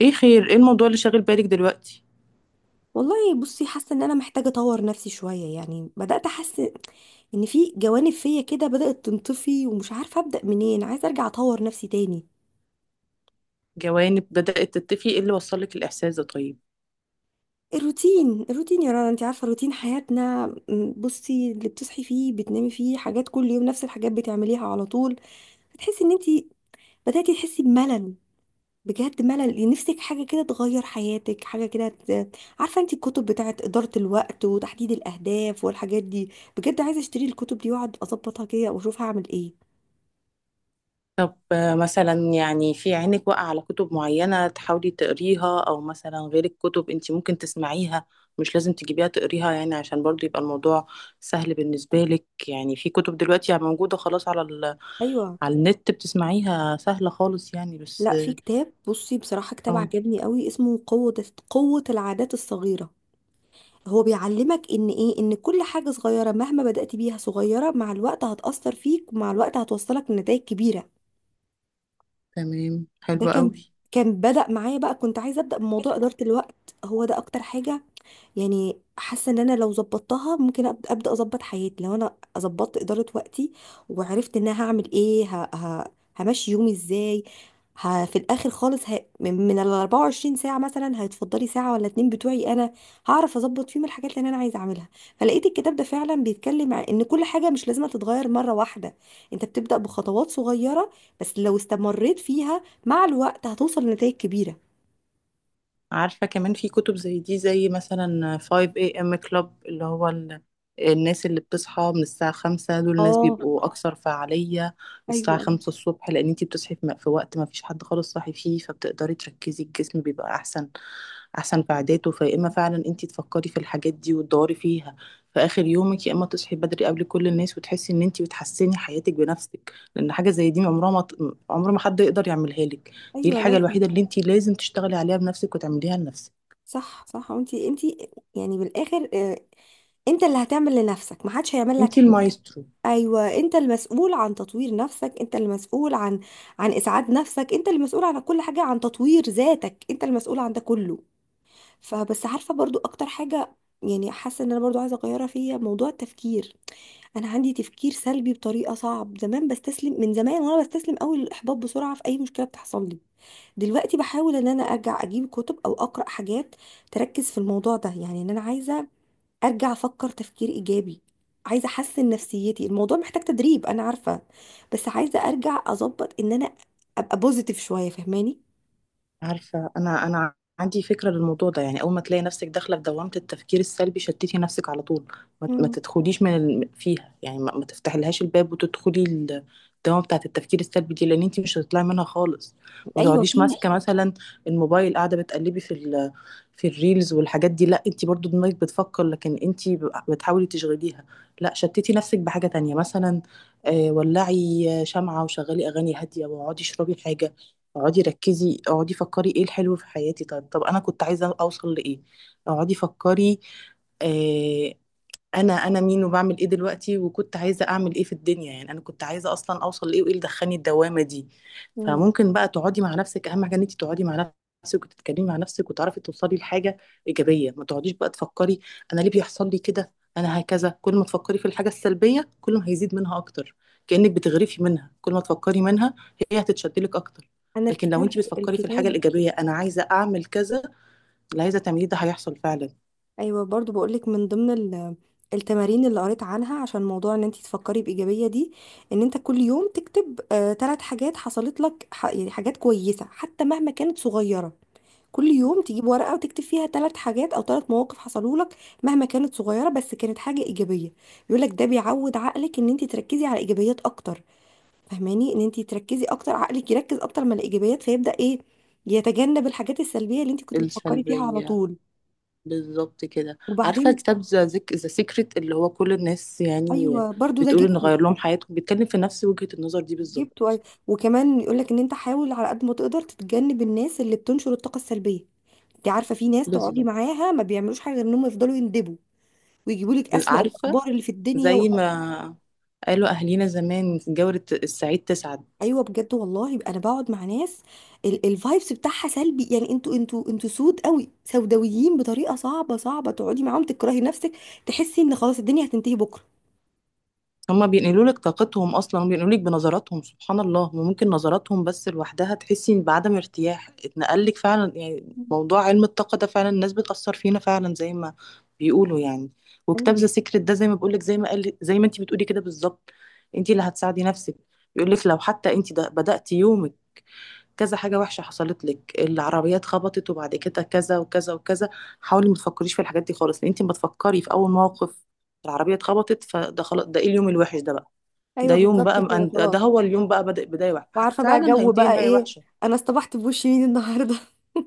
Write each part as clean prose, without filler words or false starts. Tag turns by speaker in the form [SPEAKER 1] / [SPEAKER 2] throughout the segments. [SPEAKER 1] ايه خير ايه الموضوع اللي شاغل بالك دلوقتي؟
[SPEAKER 2] والله، بصي حاسه ان انا محتاجه اطور نفسي شويه. يعني بدات احس ان في جوانب فيا كده بدات تنطفي، ومش عارفه ابدا منين عايزه ارجع اطور نفسي تاني.
[SPEAKER 1] جوانب بدأت تتفي؟ ايه اللي وصلك الإحساس ده؟ طيب
[SPEAKER 2] الروتين الروتين يا رنا، انت عارفه روتين حياتنا. بصي، اللي بتصحي فيه بتنامي فيه، حاجات كل يوم نفس الحاجات بتعمليها على طول. بتحسي ان انت بداتي تحسي بملل، بجد ملل. نفسك حاجة كده تغير حياتك، حاجة كده عارفة انت الكتب بتاعت إدارة الوقت وتحديد الأهداف والحاجات دي. بجد عايزة اشتري الكتب دي واقعد اظبطها كده واشوف هعمل ايه.
[SPEAKER 1] طب مثلا يعني في عينك واقع على كتب معينة تحاولي تقريها؟ او مثلا غير الكتب انت ممكن تسمعيها، مش لازم تجيبيها تقريها، يعني عشان برضو يبقى الموضوع سهل بالنسبة لك. يعني في كتب دلوقتي يعني موجودة خلاص على
[SPEAKER 2] ايوه.
[SPEAKER 1] على النت بتسمعيها سهلة خالص يعني، بس
[SPEAKER 2] لا، في كتاب، بصي بصراحة كتاب
[SPEAKER 1] آه،
[SPEAKER 2] عجبني قوي، اسمه قوة العادات الصغيرة. هو بيعلمك ان ايه، ان كل حاجة صغيرة مهما بدأت بيها صغيرة، مع الوقت هتأثر فيك ومع الوقت هتوصلك لنتائج كبيرة.
[SPEAKER 1] تمام
[SPEAKER 2] ده
[SPEAKER 1] حلوة
[SPEAKER 2] كان
[SPEAKER 1] قوي.
[SPEAKER 2] بدأ معايا بقى. كنت عايزة أبدأ بموضوع إدارة الوقت، هو ده أكتر حاجة. يعني حاسه ان انا لو ظبطتها ممكن ابدا اظبط حياتي، لو انا ظبطت اداره وقتي وعرفت ان انا هعمل ايه، همشي يومي ازاي، في الاخر خالص من ال 24 ساعه مثلا هيتفضلي ساعه ولا اتنين بتوعي انا، هعرف اظبط فيهم الحاجات اللي انا عايزه اعملها. فلقيت الكتاب ده فعلا بيتكلم عن ان كل حاجه مش لازم تتغير مره واحده، انت بتبدا بخطوات صغيره، بس لو استمريت فيها مع الوقت هتوصل لنتائج كبيره.
[SPEAKER 1] عارفة كمان في كتب زي دي، زي مثلا 5 a.m. club اللي هو الناس اللي بتصحى من الساعة خمسة، دول الناس
[SPEAKER 2] اه.
[SPEAKER 1] بيبقوا أكثر فعالية الساعة
[SPEAKER 2] ايوه.
[SPEAKER 1] خمسة الصبح، لأن انتي بتصحي في في وقت ما فيش حد خالص صاحي فيه، فبتقدري تركزي، الجسم بيبقى أحسن أحسن في عاداته. فيا إما فعلا انتي تفكري في الحاجات دي وتدوري فيها في آخر يومك، يا إما تصحي بدري قبل كل الناس وتحسي إن انتي بتحسني حياتك بنفسك، لأن حاجة زي دي عمر ما حد يقدر يعملها لك. دي
[SPEAKER 2] ايوه
[SPEAKER 1] الحاجة
[SPEAKER 2] لازم.
[SPEAKER 1] الوحيدة اللي أنتِ لازم تشتغلي عليها بنفسِك وتعمليها لنفسِك،
[SPEAKER 2] صح صح. وانت يعني بالاخر، انت اللي هتعمل لنفسك، محدش هيعمل لك
[SPEAKER 1] أنتِ
[SPEAKER 2] حاجه.
[SPEAKER 1] المايسترو.
[SPEAKER 2] ايوه، انت المسؤول عن تطوير نفسك، انت المسؤول عن اسعاد نفسك، انت المسؤول عن كل حاجه، عن تطوير ذاتك، انت المسؤول عن ده كله. فبس عارفه برضو اكتر حاجه يعني حاسه ان انا برضو عايزه اغيرها فيا، موضوع التفكير. انا عندي تفكير سلبي بطريقه صعب. زمان بستسلم، من زمان وانا بستسلم قوي للاحباط بسرعه في اي مشكله بتحصل لي. دلوقتي بحاول ان انا ارجع اجيب كتب او اقرا حاجات تركز في الموضوع ده، يعني ان انا عايزه ارجع افكر تفكير ايجابي، عايزه احسن نفسيتي. الموضوع محتاج تدريب انا عارفه، بس عايزه ارجع اظبط ان انا ابقى بوزيتيف شويه. فاهماني؟
[SPEAKER 1] عارفة، أنا عندي فكرة للموضوع ده. يعني أول ما تلاقي نفسك داخلة في دوامة التفكير السلبي شتتي نفسك على طول، ما
[SPEAKER 2] مم.
[SPEAKER 1] تدخليش من فيها، يعني ما تفتحلهاش الباب وتدخلي الدوامة بتاعة التفكير السلبي دي، لأن أنت مش هتطلعي منها خالص. ما
[SPEAKER 2] ايوه
[SPEAKER 1] تقعديش
[SPEAKER 2] في.
[SPEAKER 1] ماسكة مثلا الموبايل، قاعدة بتقلبي في في الريلز والحاجات دي، لا، أنت برضو دماغك بتفكر لكن أنت بتحاولي تشغليها. لا، شتتي نفسك بحاجة تانية، مثلا ولعي شمعة وشغلي أغاني هادية واقعدي اشربي حاجة. اقعدي ركزي، اقعدي فكري ايه الحلو في حياتي، طب انا كنت عايزه اوصل لايه. اقعدي فكري، آه، انا مين وبعمل ايه دلوقتي، وكنت عايزه اعمل ايه في الدنيا، يعني انا كنت عايزه اصلا اوصل لايه، وايه اللي دخلني الدوامه دي.
[SPEAKER 2] مم.
[SPEAKER 1] فممكن بقى تقعدي مع نفسك، اهم حاجه ان انت تقعدي مع نفسك وتتكلمي مع نفسك وتعرفي توصلي لحاجه ايجابيه. ما تقعديش بقى تفكري انا ليه بيحصل لي كده، انا هكذا، كل ما تفكري في الحاجه السلبيه كل ما هيزيد منها اكتر، كانك بتغرفي منها، كل ما تفكري منها هي هتتشدلك اكتر.
[SPEAKER 2] انا
[SPEAKER 1] لكن لو انت بتفكري في الحاجه
[SPEAKER 2] الكتاب
[SPEAKER 1] الايجابيه، انا عايزه اعمل كذا، اللي عايزه تعمليه ده هيحصل فعلا.
[SPEAKER 2] ايوه، برضو بقولك، من ضمن التمارين اللي قريت عنها عشان موضوع ان انت تفكري بايجابيه دي، ان انت كل يوم تكتب ثلاث حاجات حصلت لك، يعني حاجات كويسه حتى مهما كانت صغيره. كل يوم تجيب ورقة وتكتب فيها ثلاث حاجات أو ثلاث مواقف حصلوا لك مهما كانت صغيرة، بس كانت حاجة إيجابية. بيقول لك ده بيعود عقلك إن أنت تركزي على إيجابيات أكتر، فهماني؟ إن أنت تركزي أكتر، عقلك يركز أكتر من الإيجابيات فيبدأ إيه، يتجنب الحاجات السلبية اللي أنت كنت بتفكري فيها على
[SPEAKER 1] السلبية،
[SPEAKER 2] طول.
[SPEAKER 1] بالظبط كده. عارفة
[SPEAKER 2] وبعدين
[SPEAKER 1] كتاب ذا سيكريت اللي هو كل الناس يعني
[SPEAKER 2] أيوه برضو ده
[SPEAKER 1] بتقول إن
[SPEAKER 2] جبته.
[SPEAKER 1] غير لهم حياتهم، بيتكلم في نفس وجهة النظر دي بالظبط.
[SPEAKER 2] جبته أيوة. وكمان يقول لك إن أنت حاول على قد ما تقدر تتجنب الناس اللي بتنشر الطاقة السلبية. أنت عارفة في ناس تقعدي
[SPEAKER 1] بالظبط،
[SPEAKER 2] معاها ما بيعملوش حاجة غير إنهم يفضلوا يندبوا ويجيبوا لك اسوأ
[SPEAKER 1] عارفة،
[SPEAKER 2] الاخبار اللي في الدنيا
[SPEAKER 1] زي
[SPEAKER 2] و...
[SPEAKER 1] ما قالوا أهلينا زمان، جورة السعيد تسعد.
[SPEAKER 2] ايوه بجد والله. يبقى انا بقعد مع ناس الفايبس بتاعها سلبي يعني، انتوا سود قوي، سوداويين بطريقه صعبه، صعبه تقعدي معاهم، تكرهي نفسك، تحسي ان خلاص الدنيا هتنتهي بكره.
[SPEAKER 1] هما بينقلوا لك طاقتهم اصلا، وبينقلوا لك بنظراتهم، سبحان الله، وممكن نظراتهم بس لوحدها تحسي بعدم ارتياح اتنقل لك فعلا. يعني موضوع علم الطاقه ده فعلا الناس بتاثر فينا فعلا زي ما بيقولوا يعني. وكتاب
[SPEAKER 2] ايوه.
[SPEAKER 1] ذا سيكريت ده زي ما بقول لك، زي ما قال، زي ما انت بتقولي كده بالظبط، انت اللي هتساعدي نفسك. بيقول لك لو حتى انت ده بداتي يومك كذا حاجه وحشه حصلت لك، العربيات خبطت وبعد كده كذا وكذا وكذا، حاولي ما تفكريش في الحاجات دي خالص، لان انت ما تفكري في اول موقف العربية اتخبطت فده خلاص، ده ايه اليوم الوحش ده بقى، ده
[SPEAKER 2] ايوه
[SPEAKER 1] يوم
[SPEAKER 2] بالظبط
[SPEAKER 1] بقى،
[SPEAKER 2] كده
[SPEAKER 1] ده
[SPEAKER 2] خلاص.
[SPEAKER 1] هو اليوم بقى بدأ بداية وحشة،
[SPEAKER 2] وعارفه بقى
[SPEAKER 1] فعلا
[SPEAKER 2] جو
[SPEAKER 1] هينتهي
[SPEAKER 2] بقى
[SPEAKER 1] نهاية
[SPEAKER 2] ايه،
[SPEAKER 1] وحشة.
[SPEAKER 2] انا اصطبحت بوش مين النهارده.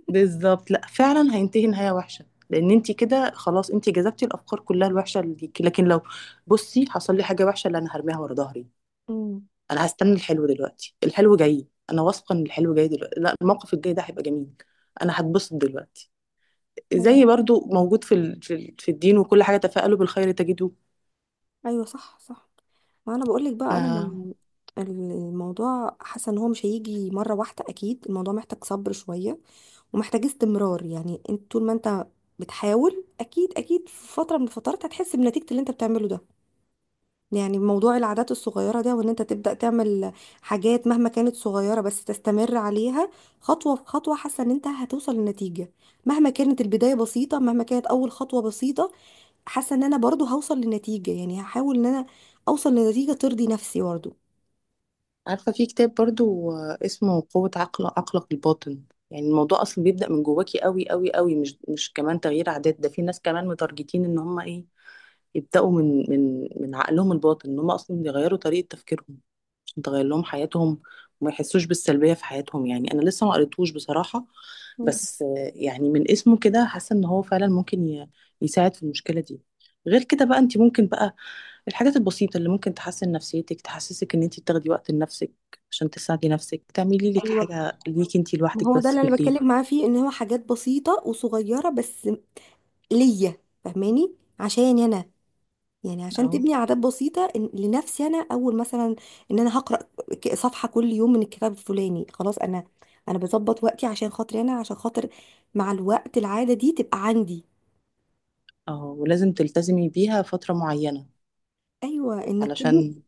[SPEAKER 1] بالظبط، لا فعلا هينتهي نهاية وحشة، لأن انت كده خلاص انت جذبتي الأفكار كلها الوحشة اللي ليكي. لكن لو بصي حصل لي حاجة وحشة اللي أنا هرميها ورا ظهري،
[SPEAKER 2] امم.
[SPEAKER 1] أنا هستنى الحلو دلوقتي، الحلو جاي، أنا واثقة إن الحلو جاي دلوقتي، لا، الموقف الجاي ده هيبقى جميل، أنا هتبسط دلوقتي.
[SPEAKER 2] ايوه.
[SPEAKER 1] زي برضو موجود في في في الدين وكل حاجة، تفاءلوا بالخير تجدوه.
[SPEAKER 2] ايوه صح صح. ما انا بقول لك بقى انا
[SPEAKER 1] آه.
[SPEAKER 2] ما. الموضوع حاسه ان هو مش هيجي مره واحده، اكيد الموضوع محتاج صبر شويه ومحتاجة استمرار. يعني انت طول ما انت بتحاول اكيد اكيد في فترة من الفترات هتحس بنتيجة اللي انت بتعمله ده. يعني موضوع العادات الصغيرة ده، وان انت تبدأ تعمل حاجات مهما كانت صغيرة بس تستمر عليها خطوة بخطوة، حاسة ان انت هتوصل لنتيجة مهما كانت البداية بسيطة، مهما كانت اول خطوة بسيطة، حاسة ان انا برضو هوصل لنتيجة. يعني هحاول ان انا اوصل لنتيجة ترضي نفسي برضو.
[SPEAKER 1] عارفة في كتاب برضو، اسمه قوة عقل عقلك الباطن. يعني الموضوع أصلا بيبدأ من جواكي قوي قوي قوي، مش كمان تغيير عادات، ده في ناس كمان متارجتين إن هم إيه، يبداوا من من عقلهم الباطن، ان هم اصلا يغيروا طريقه تفكيرهم عشان تغير لهم حياتهم وما يحسوش بالسلبيه في حياتهم. يعني انا لسه ما قريتهوش بصراحه،
[SPEAKER 2] مم.
[SPEAKER 1] بس يعني من اسمه كده حاسه ان هو فعلا ممكن يساعد في المشكله دي. غير كده بقى انت ممكن بقى الحاجات البسيطه اللي ممكن تحسن نفسيتك، تحسسك ان انت بتاخدي وقت لنفسك عشان تساعدي نفسك، تعملي لك
[SPEAKER 2] ايوه،
[SPEAKER 1] حاجه ليك انت
[SPEAKER 2] ما
[SPEAKER 1] لوحدك
[SPEAKER 2] هو ده
[SPEAKER 1] بس
[SPEAKER 2] اللي انا
[SPEAKER 1] بالليل.
[SPEAKER 2] بتكلم معاه فيه، ان هو حاجات بسيطه وصغيره بس ليا. فاهماني؟ عشاني انا يعني، عشان
[SPEAKER 1] اه
[SPEAKER 2] تبني عادات بسيطة، لنفسي انا اول مثلا ان انا هقرأ صفحة كل يوم من الكتاب الفلاني خلاص. انا انا بظبط وقتي عشان خاطري انا، عشان خاطر مع الوقت العادة دي تبقى عندي.
[SPEAKER 1] اه ولازم تلتزمي بيها فتره معينه
[SPEAKER 2] ايوه انك تبني
[SPEAKER 1] علشان.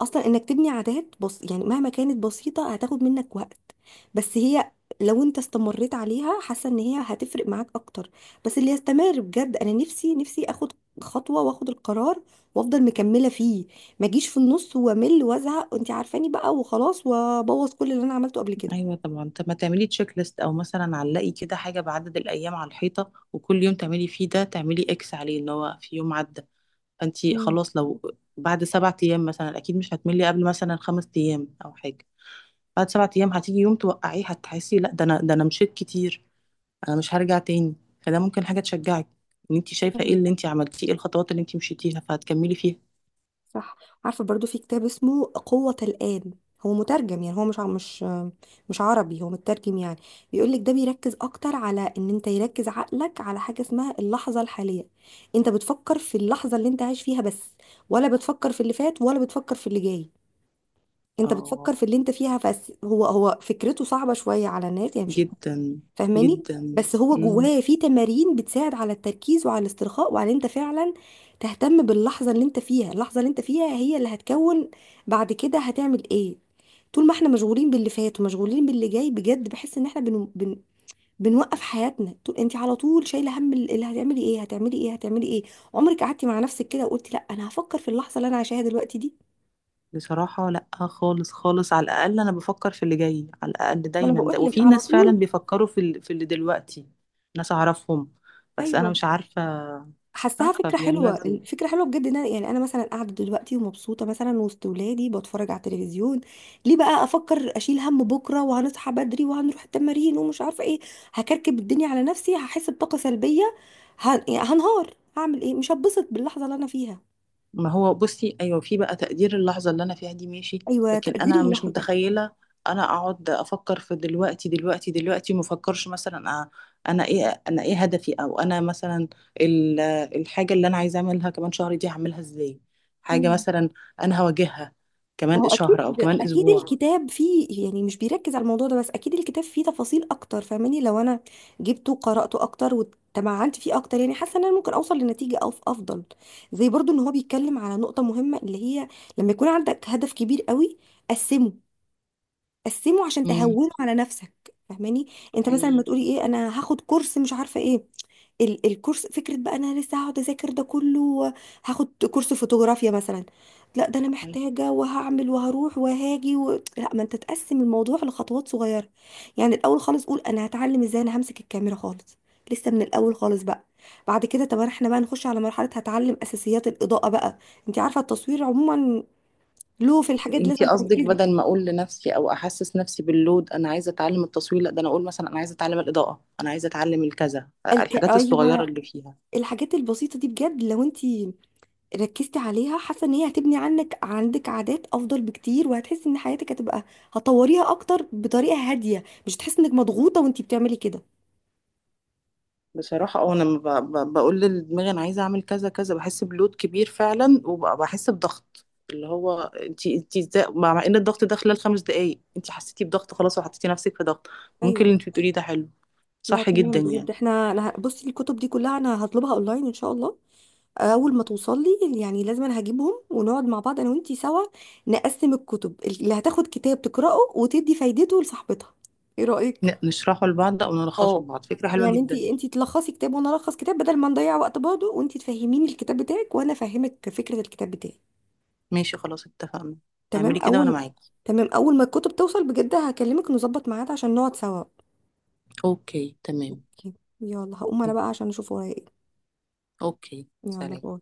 [SPEAKER 2] اصلا، انك تبني عادات بص، يعني مهما كانت بسيطه هتاخد منك وقت، بس هي لو انت استمريت عليها حاسه ان هي هتفرق معاك اكتر. بس اللي يستمر بجد. انا نفسي اخد خطوه واخد القرار وافضل مكمله فيه. ما اجيش في النص وامل وازهق، وانت عارفاني بقى وخلاص، وابوظ كل اللي انا عملته قبل كده.
[SPEAKER 1] ايوه طبعا. طب ما تعملي تشيك ليست، او مثلا علقي كده حاجه بعدد الايام على الحيطه، وكل يوم تعملي فيه ده تعملي اكس عليه ان هو في يوم عدى. فانتي خلاص لو بعد سبعة ايام مثلا، اكيد مش هتملي قبل مثلا خمس ايام او حاجه، بعد سبعة ايام هتيجي يوم توقعيه هتحسي لا ده انا، ده انا مشيت كتير، انا مش هرجع تاني. فده ممكن حاجه تشجعك، ان انتي شايفه ايه
[SPEAKER 2] مم.
[SPEAKER 1] اللي انتي عملتيه، ايه الخطوات اللي انتي مشيتيها فهتكملي فيها.
[SPEAKER 2] صح. عارفة برضو في كتاب اسمه قوة الآن، هو مترجم يعني، هو مش مش عربي، هو مترجم يعني. بيقولك ده بيركز أكتر على إن أنت يركز عقلك على حاجة اسمها اللحظة الحالية. أنت بتفكر في اللحظة اللي أنت عايش فيها بس، ولا بتفكر في اللي فات ولا بتفكر في اللي جاي. أنت
[SPEAKER 1] اه.
[SPEAKER 2] بتفكر في اللي أنت فيها بس. هو فكرته صعبة شوية على الناس، يعني مش
[SPEAKER 1] جدا
[SPEAKER 2] فاهماني؟
[SPEAKER 1] جدا.
[SPEAKER 2] بس هو جواه في تمارين بتساعد على التركيز وعلى الاسترخاء وعلى ان انت فعلا تهتم باللحظه اللي انت فيها. اللحظه اللي انت فيها هي اللي هتكون بعد كده، هتعمل ايه. طول ما احنا مشغولين باللي فات ومشغولين باللي جاي، بجد بحس ان احنا بنوقف حياتنا. طول انت على طول شايله هم اللي هتعملي ايه، هتعملي ايه، هتعملي ايه. عمرك قعدتي مع نفسك كده وقلتي لا انا هفكر في اللحظه اللي انا عايشاها دلوقتي دي؟
[SPEAKER 1] بصراحة لأ خالص خالص، على الأقل أنا بفكر في اللي جاي على الأقل
[SPEAKER 2] ما انا
[SPEAKER 1] دايما ده،
[SPEAKER 2] بقول لك
[SPEAKER 1] وفي
[SPEAKER 2] على
[SPEAKER 1] ناس فعلا
[SPEAKER 2] طول.
[SPEAKER 1] بيفكروا في, في اللي دلوقتي، ناس أعرفهم، بس أنا
[SPEAKER 2] ايوه.
[SPEAKER 1] مش عارفة
[SPEAKER 2] حاساها
[SPEAKER 1] عارفة
[SPEAKER 2] فكرة
[SPEAKER 1] بيعملوها
[SPEAKER 2] حلوة،
[SPEAKER 1] ازاي.
[SPEAKER 2] الفكرة حلوة بجد ان يعني انا مثلا قاعدة دلوقتي ومبسوطة مثلا وسط ولادي بتفرج على التلفزيون، ليه بقى افكر اشيل هم بكرة وهنصحى بدري وهنروح التمارين ومش عارفة ايه، هكركب الدنيا على نفسي، هحس بطاقة سلبية، يعني هنهار، هعمل ايه مش هتبسط باللحظة اللي انا فيها.
[SPEAKER 1] ما هو بصي ايوه في بقى تقدير اللحظه اللي انا فيها دي، ماشي،
[SPEAKER 2] ايوه
[SPEAKER 1] لكن
[SPEAKER 2] تقدير
[SPEAKER 1] انا مش
[SPEAKER 2] اللحظة.
[SPEAKER 1] متخيله انا اقعد افكر في دلوقتي دلوقتي دلوقتي، ما افكرش مثلا انا ايه، انا ايه هدفي، او انا مثلا ال- الحاجه اللي انا عايزه اعملها كمان شهر دي هعملها ازاي، حاجه مثلا انا هواجهها
[SPEAKER 2] ما
[SPEAKER 1] كمان
[SPEAKER 2] هو اكيد
[SPEAKER 1] شهر او كمان
[SPEAKER 2] اكيد
[SPEAKER 1] اسبوع.
[SPEAKER 2] الكتاب فيه يعني، مش بيركز على الموضوع ده بس، اكيد الكتاب فيه تفاصيل اكتر فاهماني؟ لو انا جبته وقراته اكتر وتمعنت فيه اكتر، يعني حاسه ان انا ممكن اوصل لنتيجه أو افضل. زي برضو ان هو بيتكلم على نقطه مهمه، اللي هي لما يكون عندك هدف كبير قوي، قسمه قسمه عشان
[SPEAKER 1] امم.
[SPEAKER 2] تهونه على نفسك. فاهماني؟ انت مثلا ما
[SPEAKER 1] ايوه.
[SPEAKER 2] تقولي ايه انا هاخد كورس مش عارفه ايه، الكورس فكره بقى انا لسه هقعد اذاكر ده كله، هاخد كورس فوتوغرافيا مثلا، لا ده انا
[SPEAKER 1] أيوه.
[SPEAKER 2] محتاجه وهعمل وهروح وهاجي و... لا، ما انت تقسم الموضوع لخطوات صغيره. يعني الاول خالص قول انا هتعلم ازاي انا همسك الكاميرا خالص، لسه من الاول خالص بقى. بعد كده طب احنا بقى نخش على مرحله هتعلم اساسيات الاضاءه بقى. انت عارفه التصوير عموما له في الحاجات
[SPEAKER 1] انتي
[SPEAKER 2] لازم
[SPEAKER 1] قصدك
[SPEAKER 2] تركزي.
[SPEAKER 1] بدل ما اقول لنفسي او احسس نفسي باللود انا عايزه اتعلم التصوير، لا، ده انا اقول مثلا انا عايزه اتعلم الاضاءه، انا عايزه اتعلم الكذا، الحاجات الصغيره
[SPEAKER 2] ايوه.
[SPEAKER 1] اللي فيها.
[SPEAKER 2] الحاجات البسيطة دي بجد، لو انتي ركزتي عليها حاسة ان هي هتبني عنك عندك عادات افضل بكتير، وهتحسي ان حياتك هتبقى هتطوريها اكتر بطريقة هادية، مش هتحسي انك مضغوطة وانتي بتعملي كده.
[SPEAKER 1] بصراحه اه انا لما بقول لدماغي انا عايزه اعمل كذا كذا بحس بلود كبير فعلا، وبحس بضغط، اللي هو انتي انتي ازاي، مع ان الضغط ده خلال خمس دقايق انتي حسيتي بضغط خلاص وحطيتي نفسك في ضغط. ممكن اللي
[SPEAKER 2] ايوه.
[SPEAKER 1] انتي بتقوليه ده حلو،
[SPEAKER 2] لا
[SPEAKER 1] صح جدا
[SPEAKER 2] تمام
[SPEAKER 1] يعني.
[SPEAKER 2] بجد. احنا انا بصي الكتب دي كلها انا هطلبها اونلاين ان شاء الله. اول ما توصل لي يعني، لازم انا هجيبهم ونقعد مع بعض انا وانتي سوا، نقسم الكتب اللي هتاخد كتاب تقراه وتدي فايدته لصاحبتها. ايه رأيك؟
[SPEAKER 1] نشرحه لبعض او نلخصه
[SPEAKER 2] اه،
[SPEAKER 1] لبعض، فكره حلوه
[SPEAKER 2] يعني انت
[SPEAKER 1] جدا.
[SPEAKER 2] انت تلخصي كتاب وانا الخص كتاب، بدل ما نضيع وقت برضه، وانت تفهميني الكتاب بتاعك وانا افهمك فكره الكتاب بتاعي.
[SPEAKER 1] ماشي خلاص، اتفقنا،
[SPEAKER 2] تمام
[SPEAKER 1] اعملي كده وانا
[SPEAKER 2] اول
[SPEAKER 1] معاكي.
[SPEAKER 2] تمام. اول ما الكتب توصل بجد هكلمك نظبط ميعاد عشان نقعد سوا.
[SPEAKER 1] اوكي تمام.
[SPEAKER 2] اوكي. يلا هقوم انا بقى عشان اشوف ورايا ايه.
[SPEAKER 1] اوكي
[SPEAKER 2] يلا
[SPEAKER 1] سلام.
[SPEAKER 2] باي.